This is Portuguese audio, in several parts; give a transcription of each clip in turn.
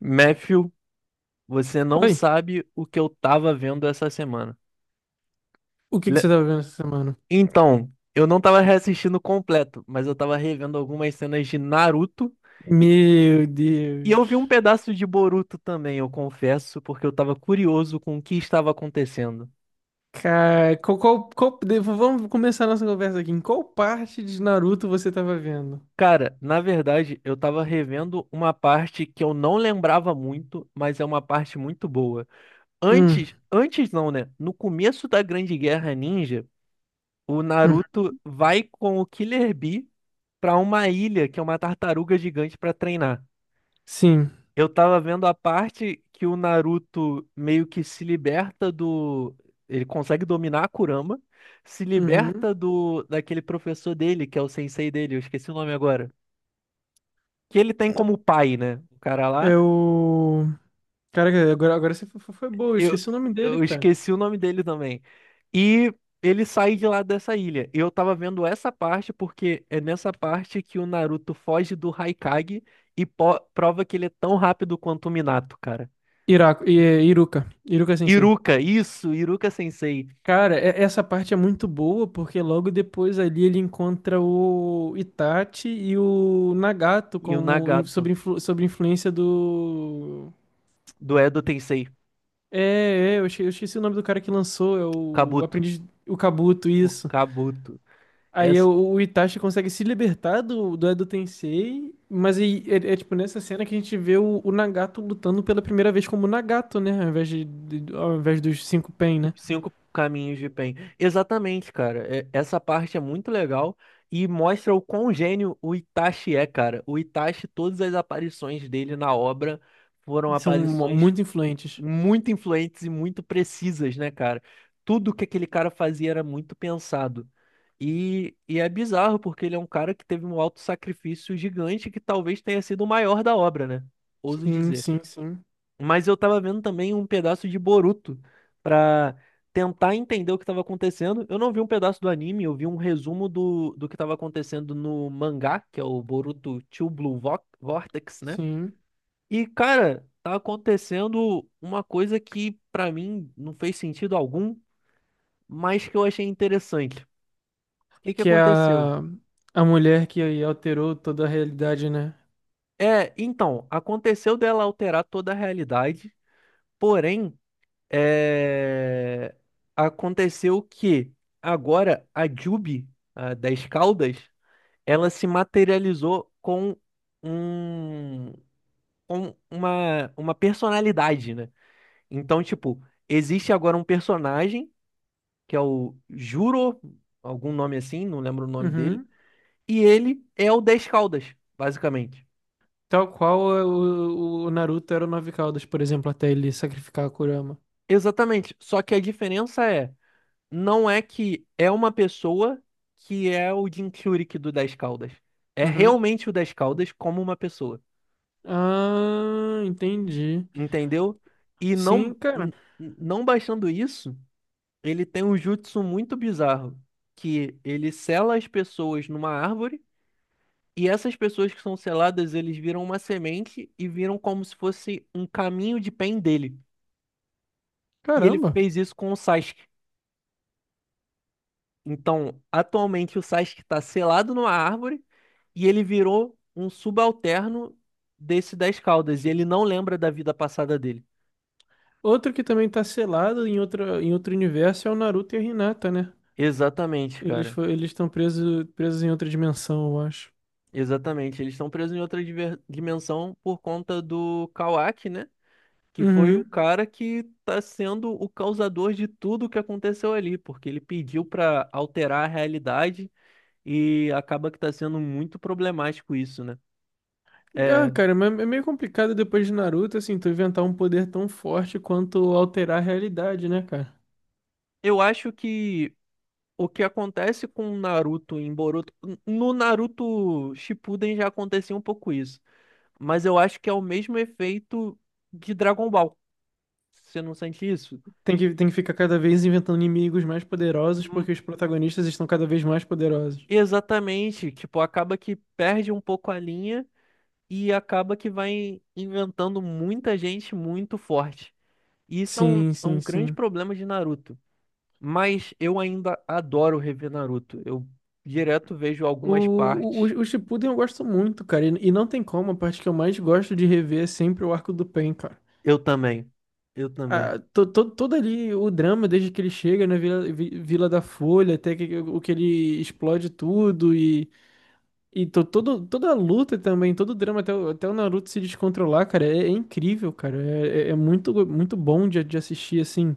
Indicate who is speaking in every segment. Speaker 1: Matthew, você não
Speaker 2: Oi,
Speaker 1: sabe o que eu tava vendo essa semana.
Speaker 2: o que que você
Speaker 1: Le-
Speaker 2: tava vendo essa semana?
Speaker 1: Então, eu não tava reassistindo completo, mas eu tava revendo algumas cenas de Naruto
Speaker 2: Meu
Speaker 1: e eu vi um
Speaker 2: Deus.
Speaker 1: pedaço de Boruto também, eu confesso, porque eu tava curioso com o que estava acontecendo.
Speaker 2: Cara, vamos começar a nossa conversa aqui. Em qual parte de Naruto você tava vendo?
Speaker 1: Cara, na verdade, eu tava revendo uma parte que eu não lembrava muito, mas é uma parte muito boa.
Speaker 2: Hum,
Speaker 1: Antes não, né? No começo da Grande Guerra Ninja, o
Speaker 2: hum,
Speaker 1: Naruto vai com o Killer Bee pra uma ilha que é uma tartaruga gigante pra treinar.
Speaker 2: sim.
Speaker 1: Eu tava vendo a parte que o Naruto meio que se liberta do. Ele consegue dominar a Kurama, se
Speaker 2: Uhum.
Speaker 1: liberta do daquele professor dele, que é o sensei dele, eu esqueci o nome agora. Que ele tem como pai, né? O cara lá.
Speaker 2: Eu. Caraca, agora você foi, foi boa, eu
Speaker 1: Eu,
Speaker 2: esqueci o nome dele,
Speaker 1: eu
Speaker 2: cara.
Speaker 1: esqueci o nome dele também. E ele sai de lá dessa ilha. E eu tava vendo essa parte porque é nessa parte que o Naruto foge do Haikage e prova que ele é tão rápido quanto o Minato, cara.
Speaker 2: Iruka. Iruka Sensei.
Speaker 1: Iruka, isso, Iruka Sensei.
Speaker 2: Cara, essa parte é muito boa porque logo depois ali ele encontra o Itachi e o Nagato
Speaker 1: E o
Speaker 2: como in-
Speaker 1: Nagato,
Speaker 2: sobre, influ- sobre influência do.
Speaker 1: do Edo Tensei,
Speaker 2: É, eu esqueci o nome do cara que lançou, é o
Speaker 1: Kabuto.
Speaker 2: Aprendiz, o Kabuto,
Speaker 1: O
Speaker 2: isso.
Speaker 1: Kabuto. É,
Speaker 2: Aí é o Itachi consegue se libertar do Edo Tensei, mas aí, é tipo nessa cena que a gente vê o Nagato lutando pela primeira vez como Nagato, né? Ao invés, ao invés dos cinco Pen, né?
Speaker 1: cinco caminhos de bem. Exatamente, cara. Essa parte é muito legal e mostra o quão gênio o Itachi é, cara. O Itachi, todas as aparições dele na obra foram aparições
Speaker 2: Muito influentes.
Speaker 1: muito influentes e muito precisas, né, cara? Tudo que aquele cara fazia era muito pensado. E é bizarro, porque ele é um cara que teve um auto sacrifício gigante que talvez tenha sido o maior da obra, né? Ouso
Speaker 2: Sim,
Speaker 1: dizer.
Speaker 2: sim, sim,
Speaker 1: Mas eu tava vendo também um pedaço de Boruto pra tentar entender o que tava acontecendo. Eu não vi um pedaço do anime, eu vi um resumo do que tava acontecendo no mangá, que é o Boruto Two Blue Vortex, né?
Speaker 2: sim.
Speaker 1: E, cara, tá acontecendo uma coisa que pra mim não fez sentido algum, mas que eu achei interessante. O que que
Speaker 2: Que é
Speaker 1: aconteceu?
Speaker 2: a mulher que aí alterou toda a realidade, né?
Speaker 1: É, então, aconteceu dela alterar toda a realidade, porém. É, aconteceu que agora a Jubi, a das Caldas, ela se materializou com um, com uma personalidade, né? Então, tipo, existe agora um personagem, que é o Juro, algum nome assim, não lembro o nome dele,
Speaker 2: Uhum.
Speaker 1: e ele é o das Caldas, basicamente.
Speaker 2: Tal qual é o Naruto era o Nove Caudas, por exemplo, até ele sacrificar a Kurama.
Speaker 1: Exatamente. Só que a diferença é. Não é que é uma pessoa que é o Jim do Das Caldas. É
Speaker 2: Uhum.
Speaker 1: realmente o Das Caldas como uma pessoa,
Speaker 2: Ah, entendi.
Speaker 1: entendeu? E não
Speaker 2: Sim, cara.
Speaker 1: não baixando isso, ele tem um jutsu muito bizarro, que ele sela as pessoas numa árvore e essas pessoas que são seladas, eles viram uma semente e viram como se fosse um caminho de pen dele. E ele
Speaker 2: Caramba.
Speaker 1: fez isso com o Sasuke. Então, atualmente o Sasuke está selado numa árvore e ele virou um subalterno desse das Caudas. E ele não lembra da vida passada dele.
Speaker 2: Outro que também tá selado em outro universo é o Naruto e a Hinata, né?
Speaker 1: Exatamente, cara.
Speaker 2: Eles estão presos em outra dimensão, eu acho.
Speaker 1: Exatamente. Eles estão presos em outra dimensão por conta do Kawaki, né? Que foi o
Speaker 2: Uhum.
Speaker 1: cara que tá sendo o causador de tudo o que aconteceu ali, porque ele pediu pra alterar a realidade e acaba que tá sendo muito problemático isso, né?
Speaker 2: Ah,
Speaker 1: É,
Speaker 2: cara, mas é meio complicado depois de Naruto, assim, tu inventar um poder tão forte quanto alterar a realidade, né, cara?
Speaker 1: eu acho que o que acontece com o Naruto em Boruto, no Naruto Shippuden já acontecia um pouco isso, mas eu acho que é o mesmo efeito de Dragon Ball. Você não sente isso?
Speaker 2: Tem que ficar cada vez inventando inimigos mais poderosos
Speaker 1: Hum,
Speaker 2: porque os protagonistas estão cada vez mais poderosos.
Speaker 1: exatamente, tipo, acaba que perde um pouco a linha e acaba que vai inventando muita gente muito forte. E isso é
Speaker 2: Sim,
Speaker 1: é um
Speaker 2: sim,
Speaker 1: grande
Speaker 2: sim.
Speaker 1: problema de Naruto. Mas eu ainda adoro rever Naruto. Eu direto vejo algumas partes.
Speaker 2: O Shippuden eu gosto muito, cara. E não tem como, a parte que eu mais gosto de rever é sempre o arco do Pain, cara.
Speaker 1: Eu também. Eu também.
Speaker 2: Ah, todo ali o drama, desde que ele chega na Vila da Folha, até que, o que ele explode tudo, e, todo, toda a luta também, todo o drama, até o Naruto se descontrolar, cara, é incrível, cara. É muito, muito bom de assistir, assim.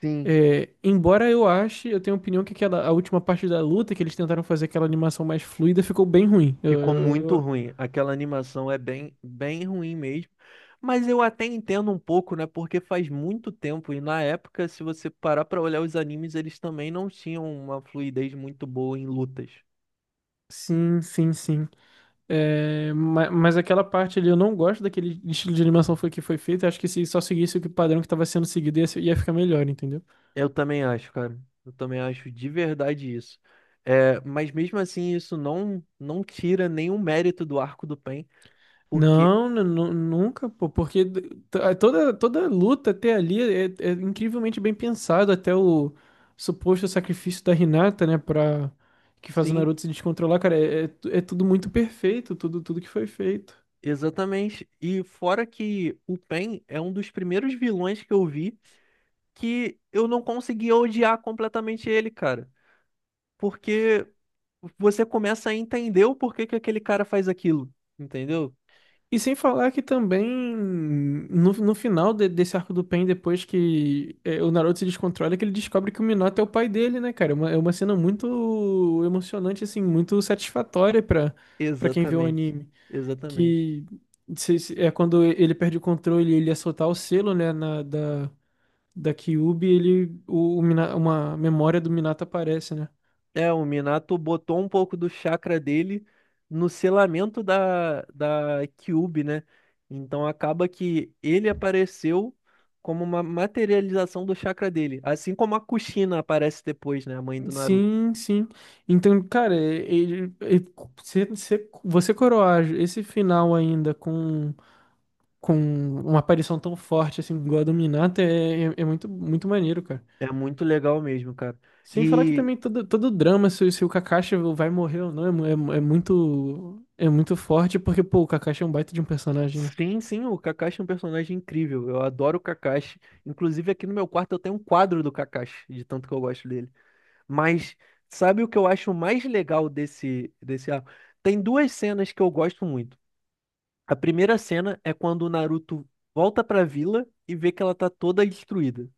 Speaker 1: Sim.
Speaker 2: É, embora eu ache, eu tenho a opinião que aquela, a última parte da luta que eles tentaram fazer aquela animação mais fluida ficou bem ruim.
Speaker 1: Ficou muito ruim. Aquela animação é bem ruim mesmo. Mas eu até entendo um pouco, né? Porque faz muito tempo e na época, se você parar pra olhar os animes, eles também não tinham uma fluidez muito boa em lutas.
Speaker 2: Sim, sim, sim. Mas, aquela parte ali, eu não gosto daquele estilo de animação que foi feito. Eu acho que se só seguisse o padrão que estava sendo seguido, ia ficar melhor, entendeu?
Speaker 1: Eu também acho, cara. Eu também acho de verdade isso. É, mas mesmo assim, isso não tira nenhum mérito do arco do Pen, porque
Speaker 2: Nunca, pô, porque d- t- a- toda, toda luta até ali é incrivelmente bem pensado, até o suposto sacrifício da Hinata, né, pra que faz o
Speaker 1: sim,
Speaker 2: Naruto se descontrolar, cara, é tudo muito perfeito, tudo, tudo que foi feito.
Speaker 1: exatamente. E fora que o Pen é um dos primeiros vilões que eu vi que eu não conseguia odiar completamente ele, cara. Porque você começa a entender o porquê que aquele cara faz aquilo, entendeu?
Speaker 2: E sem falar que também no final desse arco do Pain, depois que é, o Naruto se descontrola, é que ele descobre que o Minato é o pai dele, né, cara? É é uma cena muito emocionante, assim, muito satisfatória pra quem vê o
Speaker 1: Exatamente.
Speaker 2: anime.
Speaker 1: Exatamente.
Speaker 2: Que é quando ele perde o controle e ele ia soltar o selo, né, da Kyuubi, ele, uma memória do Minato aparece, né?
Speaker 1: É, o Minato botou um pouco do chakra dele no selamento da Kyuubi, né? Então acaba que ele apareceu como uma materialização do chakra dele, assim como a Kushina aparece depois, né, a mãe do Naruto.
Speaker 2: Sim, sim. Então, cara, você coroar esse final ainda com uma aparição tão forte assim, igual a do Minato, é muito, muito maneiro, cara.
Speaker 1: É muito legal mesmo, cara.
Speaker 2: Sem falar que
Speaker 1: E
Speaker 2: também todo, todo o drama, se o Kakashi vai morrer ou não, é muito forte, porque, pô, o Kakashi é um baita de um personagem, né?
Speaker 1: sim, sim, o Kakashi é um personagem incrível. Eu adoro o Kakashi. Inclusive, aqui no meu quarto eu tenho um quadro do Kakashi, de tanto que eu gosto dele. Mas sabe o que eu acho mais legal desse arco? Tem duas cenas que eu gosto muito. A primeira cena é quando o Naruto volta pra vila e vê que ela tá toda destruída.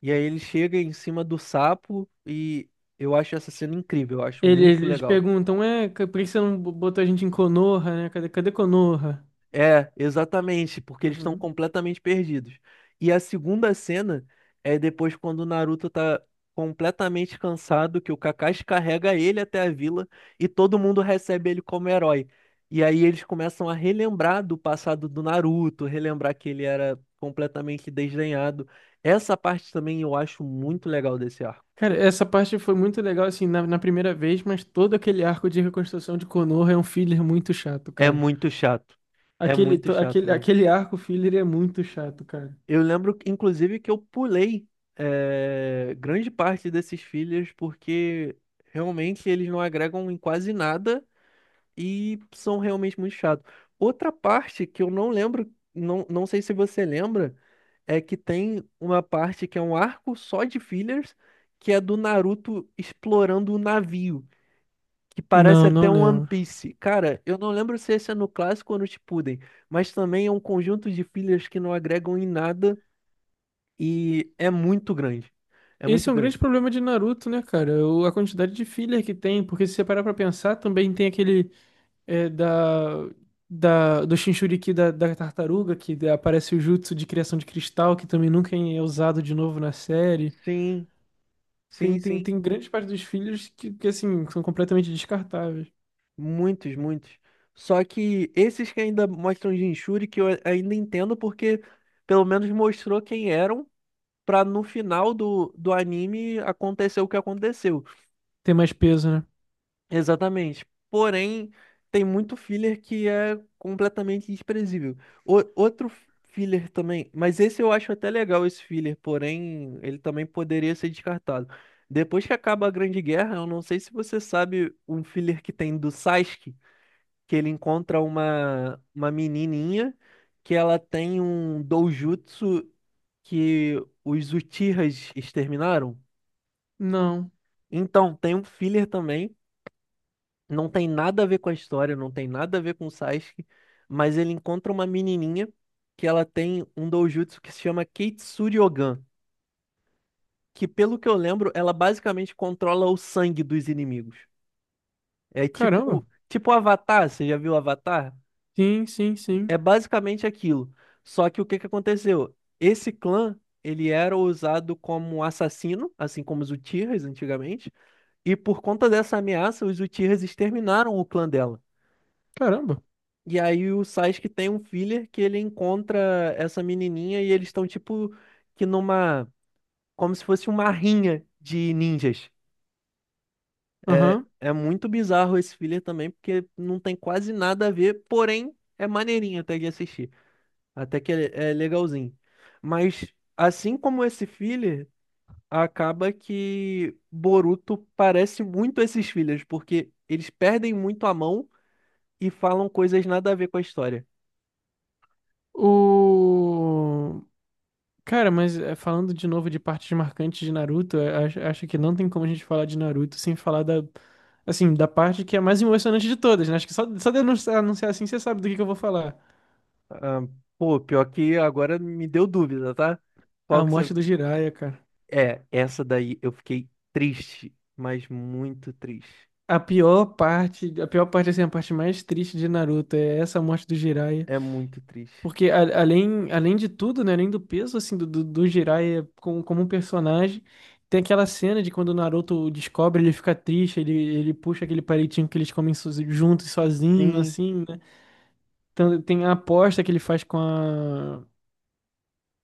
Speaker 1: E aí ele chega em cima do sapo e eu acho essa cena incrível, eu acho muito
Speaker 2: Eles
Speaker 1: legal.
Speaker 2: perguntam, por que você não botou a gente em Konoha, né? Cadê, cadê Konoha?
Speaker 1: É, exatamente, porque eles estão completamente perdidos. E a segunda cena é depois quando o Naruto tá completamente cansado, que o Kakashi carrega ele até a vila e todo mundo recebe ele como herói. E aí eles começam a relembrar do passado do Naruto, relembrar que ele era completamente desdenhado. Essa parte também eu acho muito legal desse arco.
Speaker 2: Cara, essa parte foi muito legal, assim, na primeira vez, mas todo aquele arco de reconstrução de Konoha é um filler muito chato,
Speaker 1: É
Speaker 2: cara.
Speaker 1: muito chato. É muito chato mesmo.
Speaker 2: Aquele arco filler é muito chato, cara.
Speaker 1: Eu lembro, inclusive, que eu pulei grande parte desses fillers porque realmente eles não agregam em quase nada e são realmente muito chatos. Outra parte que eu não lembro, não sei se você lembra, é que tem uma parte que é um arco só de fillers, que é do Naruto explorando o navio, que parece
Speaker 2: Não, não
Speaker 1: até um One
Speaker 2: lembro.
Speaker 1: Piece. Cara, eu não lembro se esse é no clássico ou no Shippuden, mas também é um conjunto de fillers que não agregam em nada e é muito grande. É
Speaker 2: Esse
Speaker 1: muito
Speaker 2: é um
Speaker 1: grande.
Speaker 2: grande problema de Naruto, né, cara? A quantidade de filler que tem, porque se você parar pra pensar, também tem aquele é, da, do Jinchuriki da tartaruga, que aparece o jutsu de criação de cristal, que também nunca é usado de novo na série.
Speaker 1: Sim, sim, sim.
Speaker 2: Tem grandes partes dos fillers que, assim, são completamente descartáveis.
Speaker 1: Muitos, muitos. Só que esses que ainda mostram Jinchuri, que eu ainda entendo, porque pelo menos mostrou quem eram, pra no final do anime acontecer o que aconteceu.
Speaker 2: Tem mais peso, né?
Speaker 1: Exatamente. Porém, tem muito filler que é completamente desprezível. Outro filler também, mas esse eu acho até legal esse filler, porém, ele também poderia ser descartado. Depois que acaba a Grande Guerra, eu não sei se você sabe um filler que tem do Sasuke, que ele encontra uma menininha que ela tem um doujutsu que os Uchihas exterminaram.
Speaker 2: Não.
Speaker 1: Então, tem um filler também. Não tem nada a ver com a história, não tem nada a ver com o Sasuke, mas ele encontra uma menininha que ela tem um doujutsu que se chama Keitsuri Ogan, que pelo que eu lembro, ela basicamente controla o sangue dos inimigos. É
Speaker 2: Caramba.
Speaker 1: tipo Avatar, você já viu Avatar?
Speaker 2: Sim, sim,
Speaker 1: É
Speaker 2: sim.
Speaker 1: basicamente aquilo. Só que o que que aconteceu? Esse clã, ele era usado como assassino, assim como os Uchihas antigamente, e por conta dessa ameaça, os Uchihas exterminaram o clã dela.
Speaker 2: Caramba.
Speaker 1: E aí o Sasuke tem um filler que ele encontra essa menininha e eles estão tipo que numa como se fosse uma rinha de ninjas.
Speaker 2: Aham.
Speaker 1: É muito bizarro esse filler também porque não tem quase nada a ver, porém é maneirinho até de assistir, até que é legalzinho. Mas assim como esse filler, acaba que Boruto parece muito esses fillers porque eles perdem muito a mão e falam coisas nada a ver com a história.
Speaker 2: O. Cara, mas é, falando de novo de partes marcantes de Naruto, é, acho que não tem como a gente falar de Naruto sem falar da. Assim, da parte que é a mais emocionante de todas, né? Acho que só, só de eu anunciar assim você sabe do que eu vou falar.
Speaker 1: Ah, pô, pior que agora me deu dúvida, tá? Qual
Speaker 2: A
Speaker 1: que você.
Speaker 2: morte do Jiraiya, cara.
Speaker 1: É, essa daí eu fiquei triste, mas muito triste.
Speaker 2: A pior parte, assim, a parte mais triste de Naruto é essa morte do Jiraiya.
Speaker 1: É muito triste.
Speaker 2: Porque além, além de tudo, né, além do peso assim do Jiraiya como, como um personagem, tem aquela cena de quando o Naruto descobre, ele fica triste, ele puxa aquele palitinho que eles comem juntos, sozinho,
Speaker 1: Sim,
Speaker 2: assim, né? Então, tem a aposta que ele faz com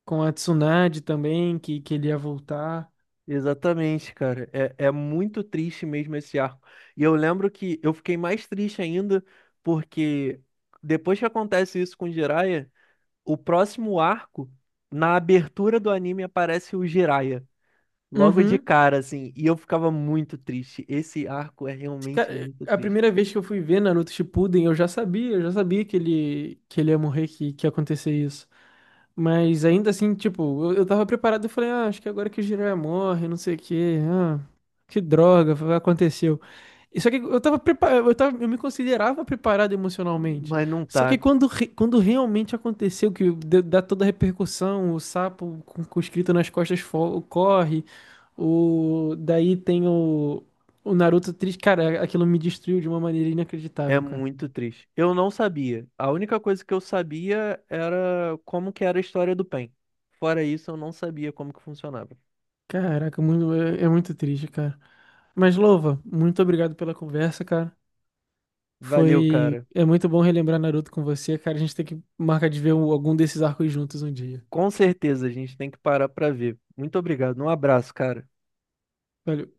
Speaker 2: com a Tsunade também, que ele ia voltar.
Speaker 1: exatamente, cara. É, é muito triste mesmo esse arco. E eu lembro que eu fiquei mais triste ainda porque depois que acontece isso com o Jiraiya, o próximo arco, na abertura do anime, aparece o Jiraiya. Logo de
Speaker 2: Uhum.
Speaker 1: cara, assim. E eu ficava muito triste. Esse arco é realmente
Speaker 2: Cara,
Speaker 1: muito
Speaker 2: a
Speaker 1: triste.
Speaker 2: primeira vez que eu fui ver Naruto Shippuden, eu já sabia que ele ia morrer, que ia acontecer isso. Mas ainda assim, tipo, eu tava preparado, eu falei, ah, acho que agora que o Jiraiya morre, não sei o quê, ah, que droga, aconteceu. E só que eu tava preparado, eu tava, eu me considerava preparado emocionalmente.
Speaker 1: Mas não
Speaker 2: Só que
Speaker 1: tá.
Speaker 2: quando, quando realmente aconteceu, que dá toda a repercussão, o sapo com escrito nas costas corre, o, daí tem o Naruto triste, cara, aquilo me destruiu de uma maneira
Speaker 1: É
Speaker 2: inacreditável, cara.
Speaker 1: muito triste. Eu não sabia. A única coisa que eu sabia era como que era a história do PEN. Fora isso, eu não sabia como que funcionava.
Speaker 2: Caraca, muito, é muito triste, cara. Mas, Louva, muito obrigado pela conversa, cara.
Speaker 1: Valeu,
Speaker 2: Foi.
Speaker 1: cara.
Speaker 2: É muito bom relembrar Naruto com você, cara. A gente tem que marcar de ver algum desses arcos juntos um dia.
Speaker 1: Com certeza a gente tem que parar pra ver. Muito obrigado. Um abraço, cara.
Speaker 2: Valeu.